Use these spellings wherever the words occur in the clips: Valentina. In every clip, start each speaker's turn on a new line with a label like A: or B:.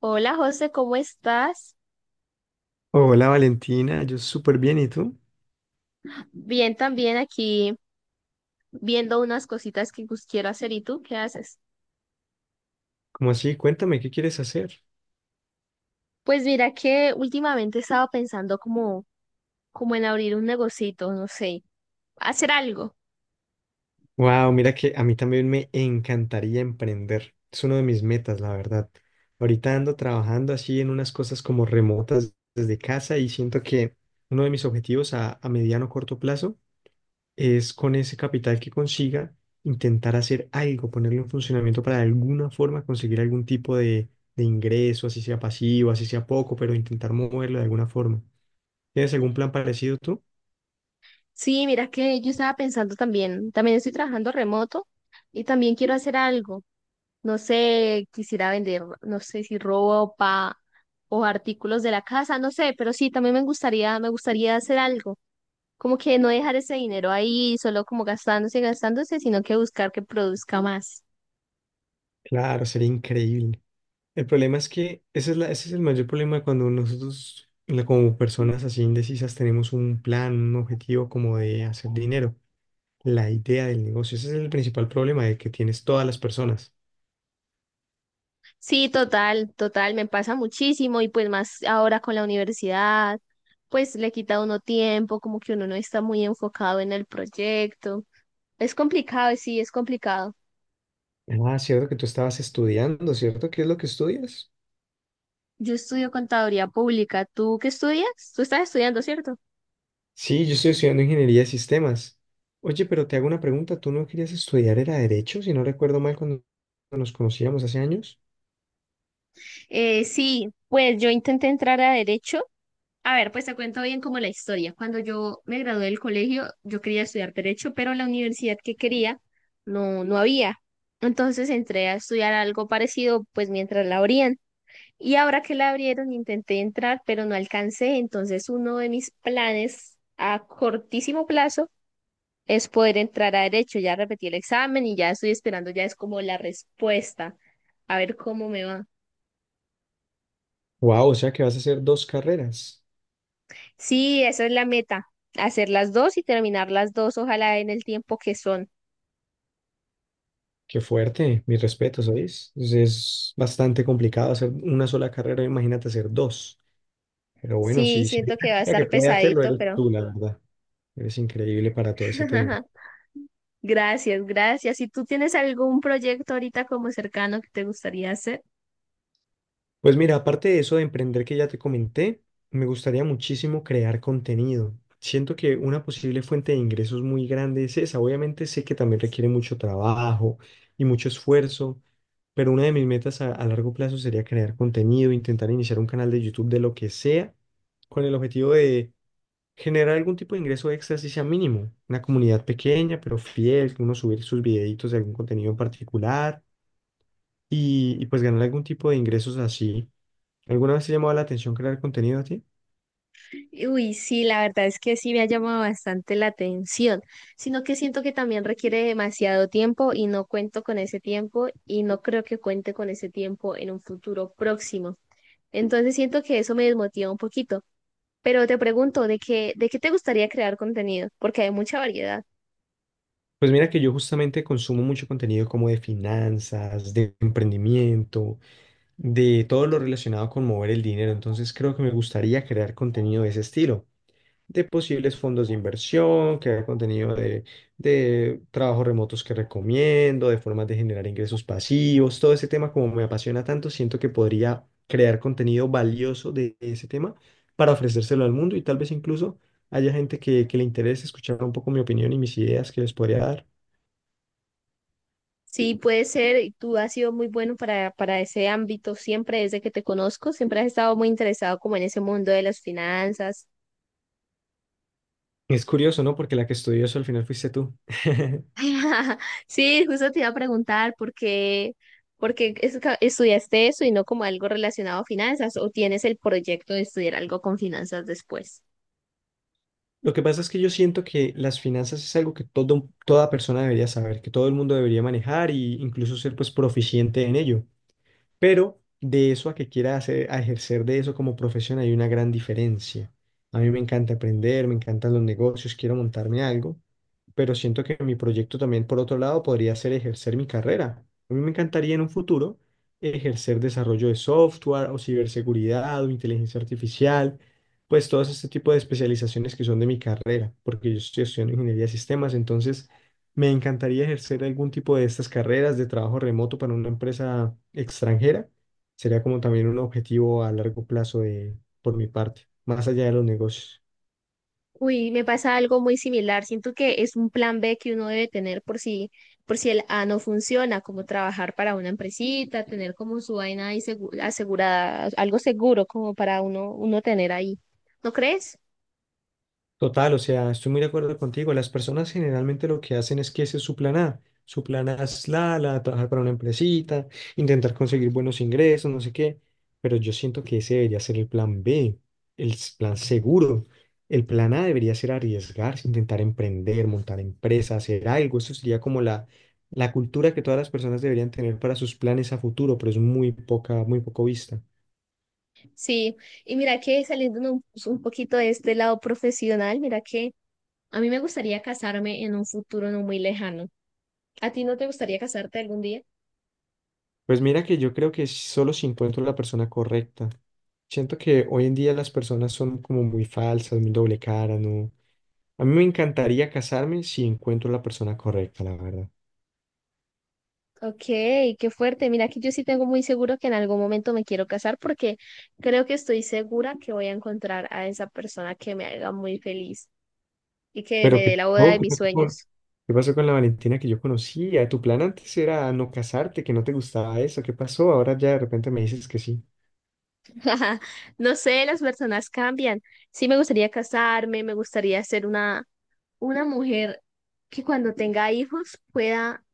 A: Hola José, ¿cómo estás?
B: Hola Valentina, yo súper bien, ¿y tú?
A: Bien, también aquí viendo unas cositas que pues, quiero hacer. ¿Y tú qué haces?
B: ¿Cómo así? Cuéntame, ¿qué quieres hacer?
A: Pues mira que últimamente estaba pensando como en abrir un negocito, no sé, hacer algo.
B: Wow, mira que a mí también me encantaría emprender. Es uno de mis metas, la verdad. Ahorita ando trabajando así en unas cosas como remotas desde casa y siento que uno de mis objetivos a mediano o corto plazo es con ese capital que consiga intentar hacer algo, ponerlo en funcionamiento para de alguna forma conseguir algún tipo de ingreso, así sea pasivo, así sea poco, pero intentar moverlo de alguna forma. ¿Tienes algún plan parecido tú?
A: Sí, mira que yo estaba pensando también, también estoy trabajando remoto y también quiero hacer algo. No sé, quisiera vender, no sé si ropa o artículos de la casa, no sé, pero sí, también me gustaría hacer algo. Como que no dejar ese dinero ahí solo como gastándose y gastándose, sino que buscar que produzca más.
B: Claro, sería increíble. El problema es que ese es el mayor problema cuando nosotros, como personas así indecisas, tenemos un plan, un objetivo como de hacer dinero, la idea del negocio. Ese es el principal problema de que tienes todas las personas.
A: Sí, total, total, me pasa muchísimo y pues más ahora con la universidad, pues le quita a uno tiempo, como que uno no está muy enfocado en el proyecto. Es complicado, sí, es complicado.
B: Ah, cierto que tú estabas estudiando, ¿cierto? ¿Qué es lo que estudias?
A: Yo estudio contaduría pública. ¿Tú qué estudias? Tú estás estudiando, ¿cierto?
B: Sí, yo estoy estudiando ingeniería de sistemas. Oye, pero te hago una pregunta. ¿Tú no querías estudiar, era derecho, si no recuerdo mal, cuando nos conocíamos hace años?
A: Sí, pues yo intenté entrar a derecho. A ver, pues te cuento bien como la historia. Cuando yo me gradué del colegio, yo quería estudiar derecho, pero la universidad que quería no, no había. Entonces entré a estudiar algo parecido, pues mientras la abrían. Y ahora que la abrieron, intenté entrar, pero no alcancé. Entonces uno de mis planes a cortísimo plazo es poder entrar a derecho. Ya repetí el examen y ya estoy esperando, ya es como la respuesta, a ver cómo me va.
B: Wow, o sea que vas a hacer dos carreras.
A: Sí, esa es la meta, hacer las dos y terminar las dos, ojalá en el tiempo que son.
B: Qué fuerte, mis respetos, ¿sabes? Es bastante complicado hacer una sola carrera, imagínate hacer dos. Pero bueno,
A: Sí,
B: sí, sí,
A: siento que va a
B: la que
A: estar
B: puede hacerlo
A: pesadito,
B: eres
A: pero
B: tú, la verdad. Eres increíble para todo ese tema.
A: gracias, gracias. ¿Y tú tienes algún proyecto ahorita como cercano que te gustaría hacer?
B: Pues mira, aparte de eso de emprender que ya te comenté, me gustaría muchísimo crear contenido. Siento que una posible fuente de ingresos muy grande es esa. Obviamente sé que también requiere mucho trabajo y mucho esfuerzo, pero una de mis metas a largo plazo sería crear contenido, intentar iniciar un canal de YouTube de lo que sea, con el objetivo de generar algún tipo de ingreso extra, si sea mínimo. Una comunidad pequeña, pero fiel, que uno subir sus videitos de algún contenido en particular y pues ganar algún tipo de ingresos así. ¿Alguna vez te ha llamado la atención crear contenido a ti?
A: Uy, sí, la verdad es que sí me ha llamado bastante la atención, sino que siento que también requiere demasiado tiempo y no cuento con ese tiempo y no creo que cuente con ese tiempo en un futuro próximo. Entonces siento que eso me desmotiva un poquito. Pero te pregunto, ¿de qué te gustaría crear contenido? Porque hay mucha variedad.
B: Pues mira que yo justamente consumo mucho contenido como de finanzas, de emprendimiento, de todo lo relacionado con mover el dinero. Entonces creo que me gustaría crear contenido de ese estilo. De posibles fondos de inversión, que haga contenido de trabajos remotos que recomiendo, de formas de generar ingresos pasivos, todo ese tema como me apasiona tanto, siento que podría crear contenido valioso de ese tema para ofrecérselo al mundo y tal vez incluso haya gente que le interese escuchar un poco mi opinión y mis ideas que les podría dar.
A: Sí, puede ser, y tú has sido muy bueno para ese ámbito siempre desde que te conozco, siempre has estado muy interesado como en ese mundo de las finanzas.
B: Es curioso, ¿no? Porque la que estudió eso al final fuiste tú.
A: Sí, justo te iba a preguntar por qué estudiaste eso y no como algo relacionado a finanzas o tienes el proyecto de estudiar algo con finanzas después.
B: Lo que pasa es que yo siento que las finanzas es algo que todo, toda persona debería saber, que todo el mundo debería manejar e incluso ser pues proficiente en ello. Pero de eso a que quiera hacer, a ejercer de eso como profesión hay una gran diferencia. A mí me encanta aprender, me encantan los negocios, quiero montarme algo, pero siento que mi proyecto también, por otro lado, podría ser ejercer mi carrera. A mí me encantaría en un futuro ejercer desarrollo de software o ciberseguridad o inteligencia artificial, pues todos este tipo de especializaciones que son de mi carrera, porque yo estoy estudiando ingeniería de sistemas, entonces me encantaría ejercer algún tipo de estas carreras de trabajo remoto para una empresa extranjera. Sería como también un objetivo a largo plazo de, por mi parte, más allá de los negocios.
A: Uy, me pasa algo muy similar. Siento que es un plan B que uno debe tener por si el A no funciona, como trabajar para una empresita, tener como su vaina ahí asegurada, algo seguro como para uno, tener ahí. ¿No crees?
B: Total, o sea, estoy muy de acuerdo contigo. Las personas generalmente lo que hacen es que ese es su plan A. Su plan A es de trabajar para una empresita, intentar conseguir buenos ingresos, no sé qué. Pero yo siento que ese debería ser el plan B, el plan seguro. El plan A debería ser arriesgarse, intentar emprender, montar empresa, hacer algo. Eso sería como la cultura que todas las personas deberían tener para sus planes a futuro, pero es muy poca, muy poco vista.
A: Sí. Y mira que saliendo pues, un poquito de este lado profesional, mira que a mí me gustaría casarme en un futuro no muy lejano. ¿A ti no te gustaría casarte algún día?
B: Pues mira que yo creo que solo si encuentro la persona correcta. Siento que hoy en día las personas son como muy falsas, muy doble cara, ¿no? A mí me encantaría casarme si encuentro la persona correcta, la verdad.
A: Ok, qué fuerte. Mira que yo sí tengo muy seguro que en algún momento me quiero casar porque creo que estoy segura que voy a encontrar a esa persona que me haga muy feliz y que
B: Pero
A: me
B: ¿qué
A: dé la boda
B: pasó?
A: de mis sueños.
B: ¿Qué pasó con la Valentina que yo conocía? Tu plan antes era no casarte, que no te gustaba eso. ¿Qué pasó? Ahora ya de repente me dices que sí.
A: No sé, las personas cambian. Sí me gustaría casarme, me gustaría ser una mujer que cuando tenga hijos pueda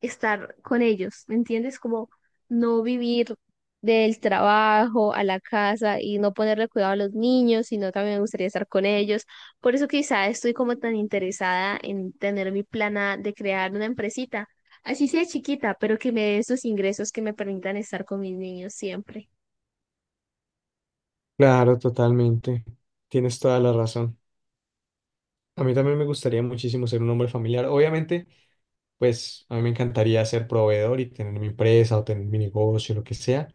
A: estar con ellos, ¿me entiendes? Como no vivir del trabajo a la casa y no ponerle cuidado a los niños, sino también me gustaría estar con ellos. Por eso quizá estoy como tan interesada en tener mi plana de crear una empresita, así sea chiquita, pero que me dé esos ingresos que me permitan estar con mis niños siempre.
B: Claro, totalmente. Tienes toda la razón. A mí también me gustaría muchísimo ser un hombre familiar. Obviamente, pues a mí me encantaría ser proveedor y tener mi empresa o tener mi negocio, lo que sea,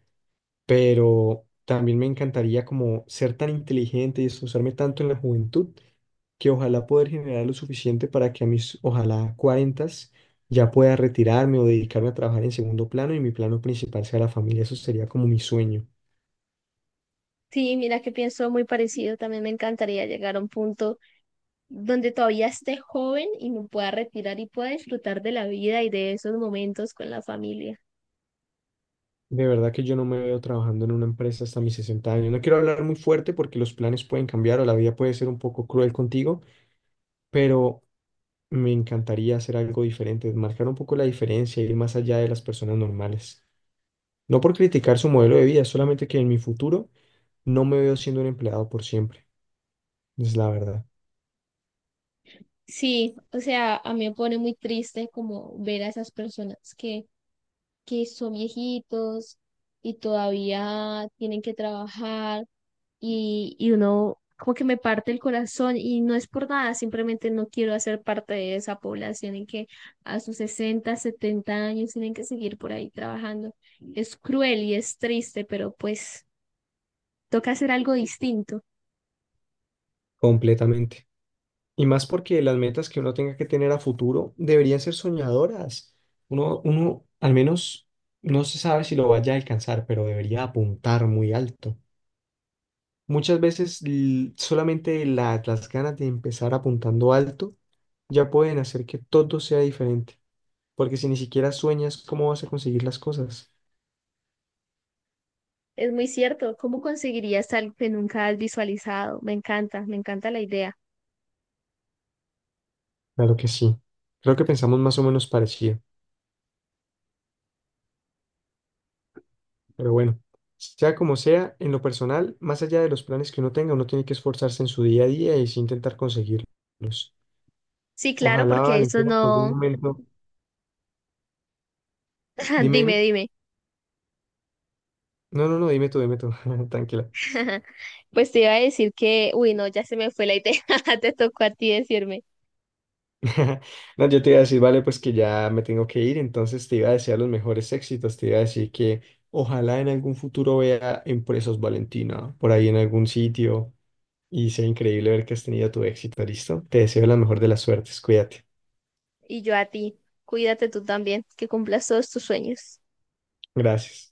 B: pero también me encantaría como ser tan inteligente y esforzarme tanto en la juventud que ojalá poder generar lo suficiente para que a mis, ojalá, cuarentas ya pueda retirarme o dedicarme a trabajar en segundo plano y mi plano principal sea la familia. Eso sería como mi sueño.
A: Sí, mira que pienso muy parecido. También me encantaría llegar a un punto donde todavía esté joven y me pueda retirar y pueda disfrutar de la vida y de esos momentos con la familia.
B: De verdad que yo no me veo trabajando en una empresa hasta mis 60 años. No quiero hablar muy fuerte porque los planes pueden cambiar o la vida puede ser un poco cruel contigo, pero me encantaría hacer algo diferente, marcar un poco la diferencia, ir más allá de las personas normales. No por criticar su modelo de vida, solamente que en mi futuro no me veo siendo un empleado por siempre. Es la verdad,
A: Sí, o sea, a mí me pone muy triste como ver a esas personas que son viejitos y todavía tienen que trabajar y uno como que me parte el corazón y no es por nada, simplemente no quiero hacer parte de esa población en que a sus 60, 70 años tienen que seguir por ahí trabajando. Es cruel y es triste, pero pues toca hacer algo distinto.
B: completamente. Y más porque las metas que uno tenga que tener a futuro deberían ser soñadoras. Uno, uno al menos no se sabe si lo vaya a alcanzar, pero debería apuntar muy alto. Muchas veces solamente las ganas de empezar apuntando alto ya pueden hacer que todo sea diferente, porque si ni siquiera sueñas, ¿cómo vas a conseguir las cosas?
A: Es muy cierto, ¿cómo conseguirías algo que nunca has visualizado? Me encanta la idea.
B: Claro que sí. Creo que pensamos más o menos parecido. Pero bueno, sea como sea, en lo personal, más allá de los planes que uno tenga, uno tiene que esforzarse en su día a día y sí intentar conseguirlos.
A: Sí, claro,
B: Ojalá,
A: porque eso
B: Valentina, en algún
A: no.
B: momento, dime,
A: Dime,
B: dime.
A: dime.
B: No, no, no, dime tú, tranquila.
A: Pues te iba a decir que, uy, no, ya se me fue la idea. Te tocó a ti decirme.
B: No, yo te iba a decir, vale, pues que ya me tengo que ir, entonces te iba a desear los mejores éxitos, te iba a decir que ojalá en algún futuro vea Empresas Valentina por ahí en algún sitio y sea increíble ver que has tenido tu éxito, ¿listo? Te deseo la mejor de las suertes, cuídate.
A: Y yo a ti. Cuídate tú también, que cumplas todos tus sueños.
B: Gracias.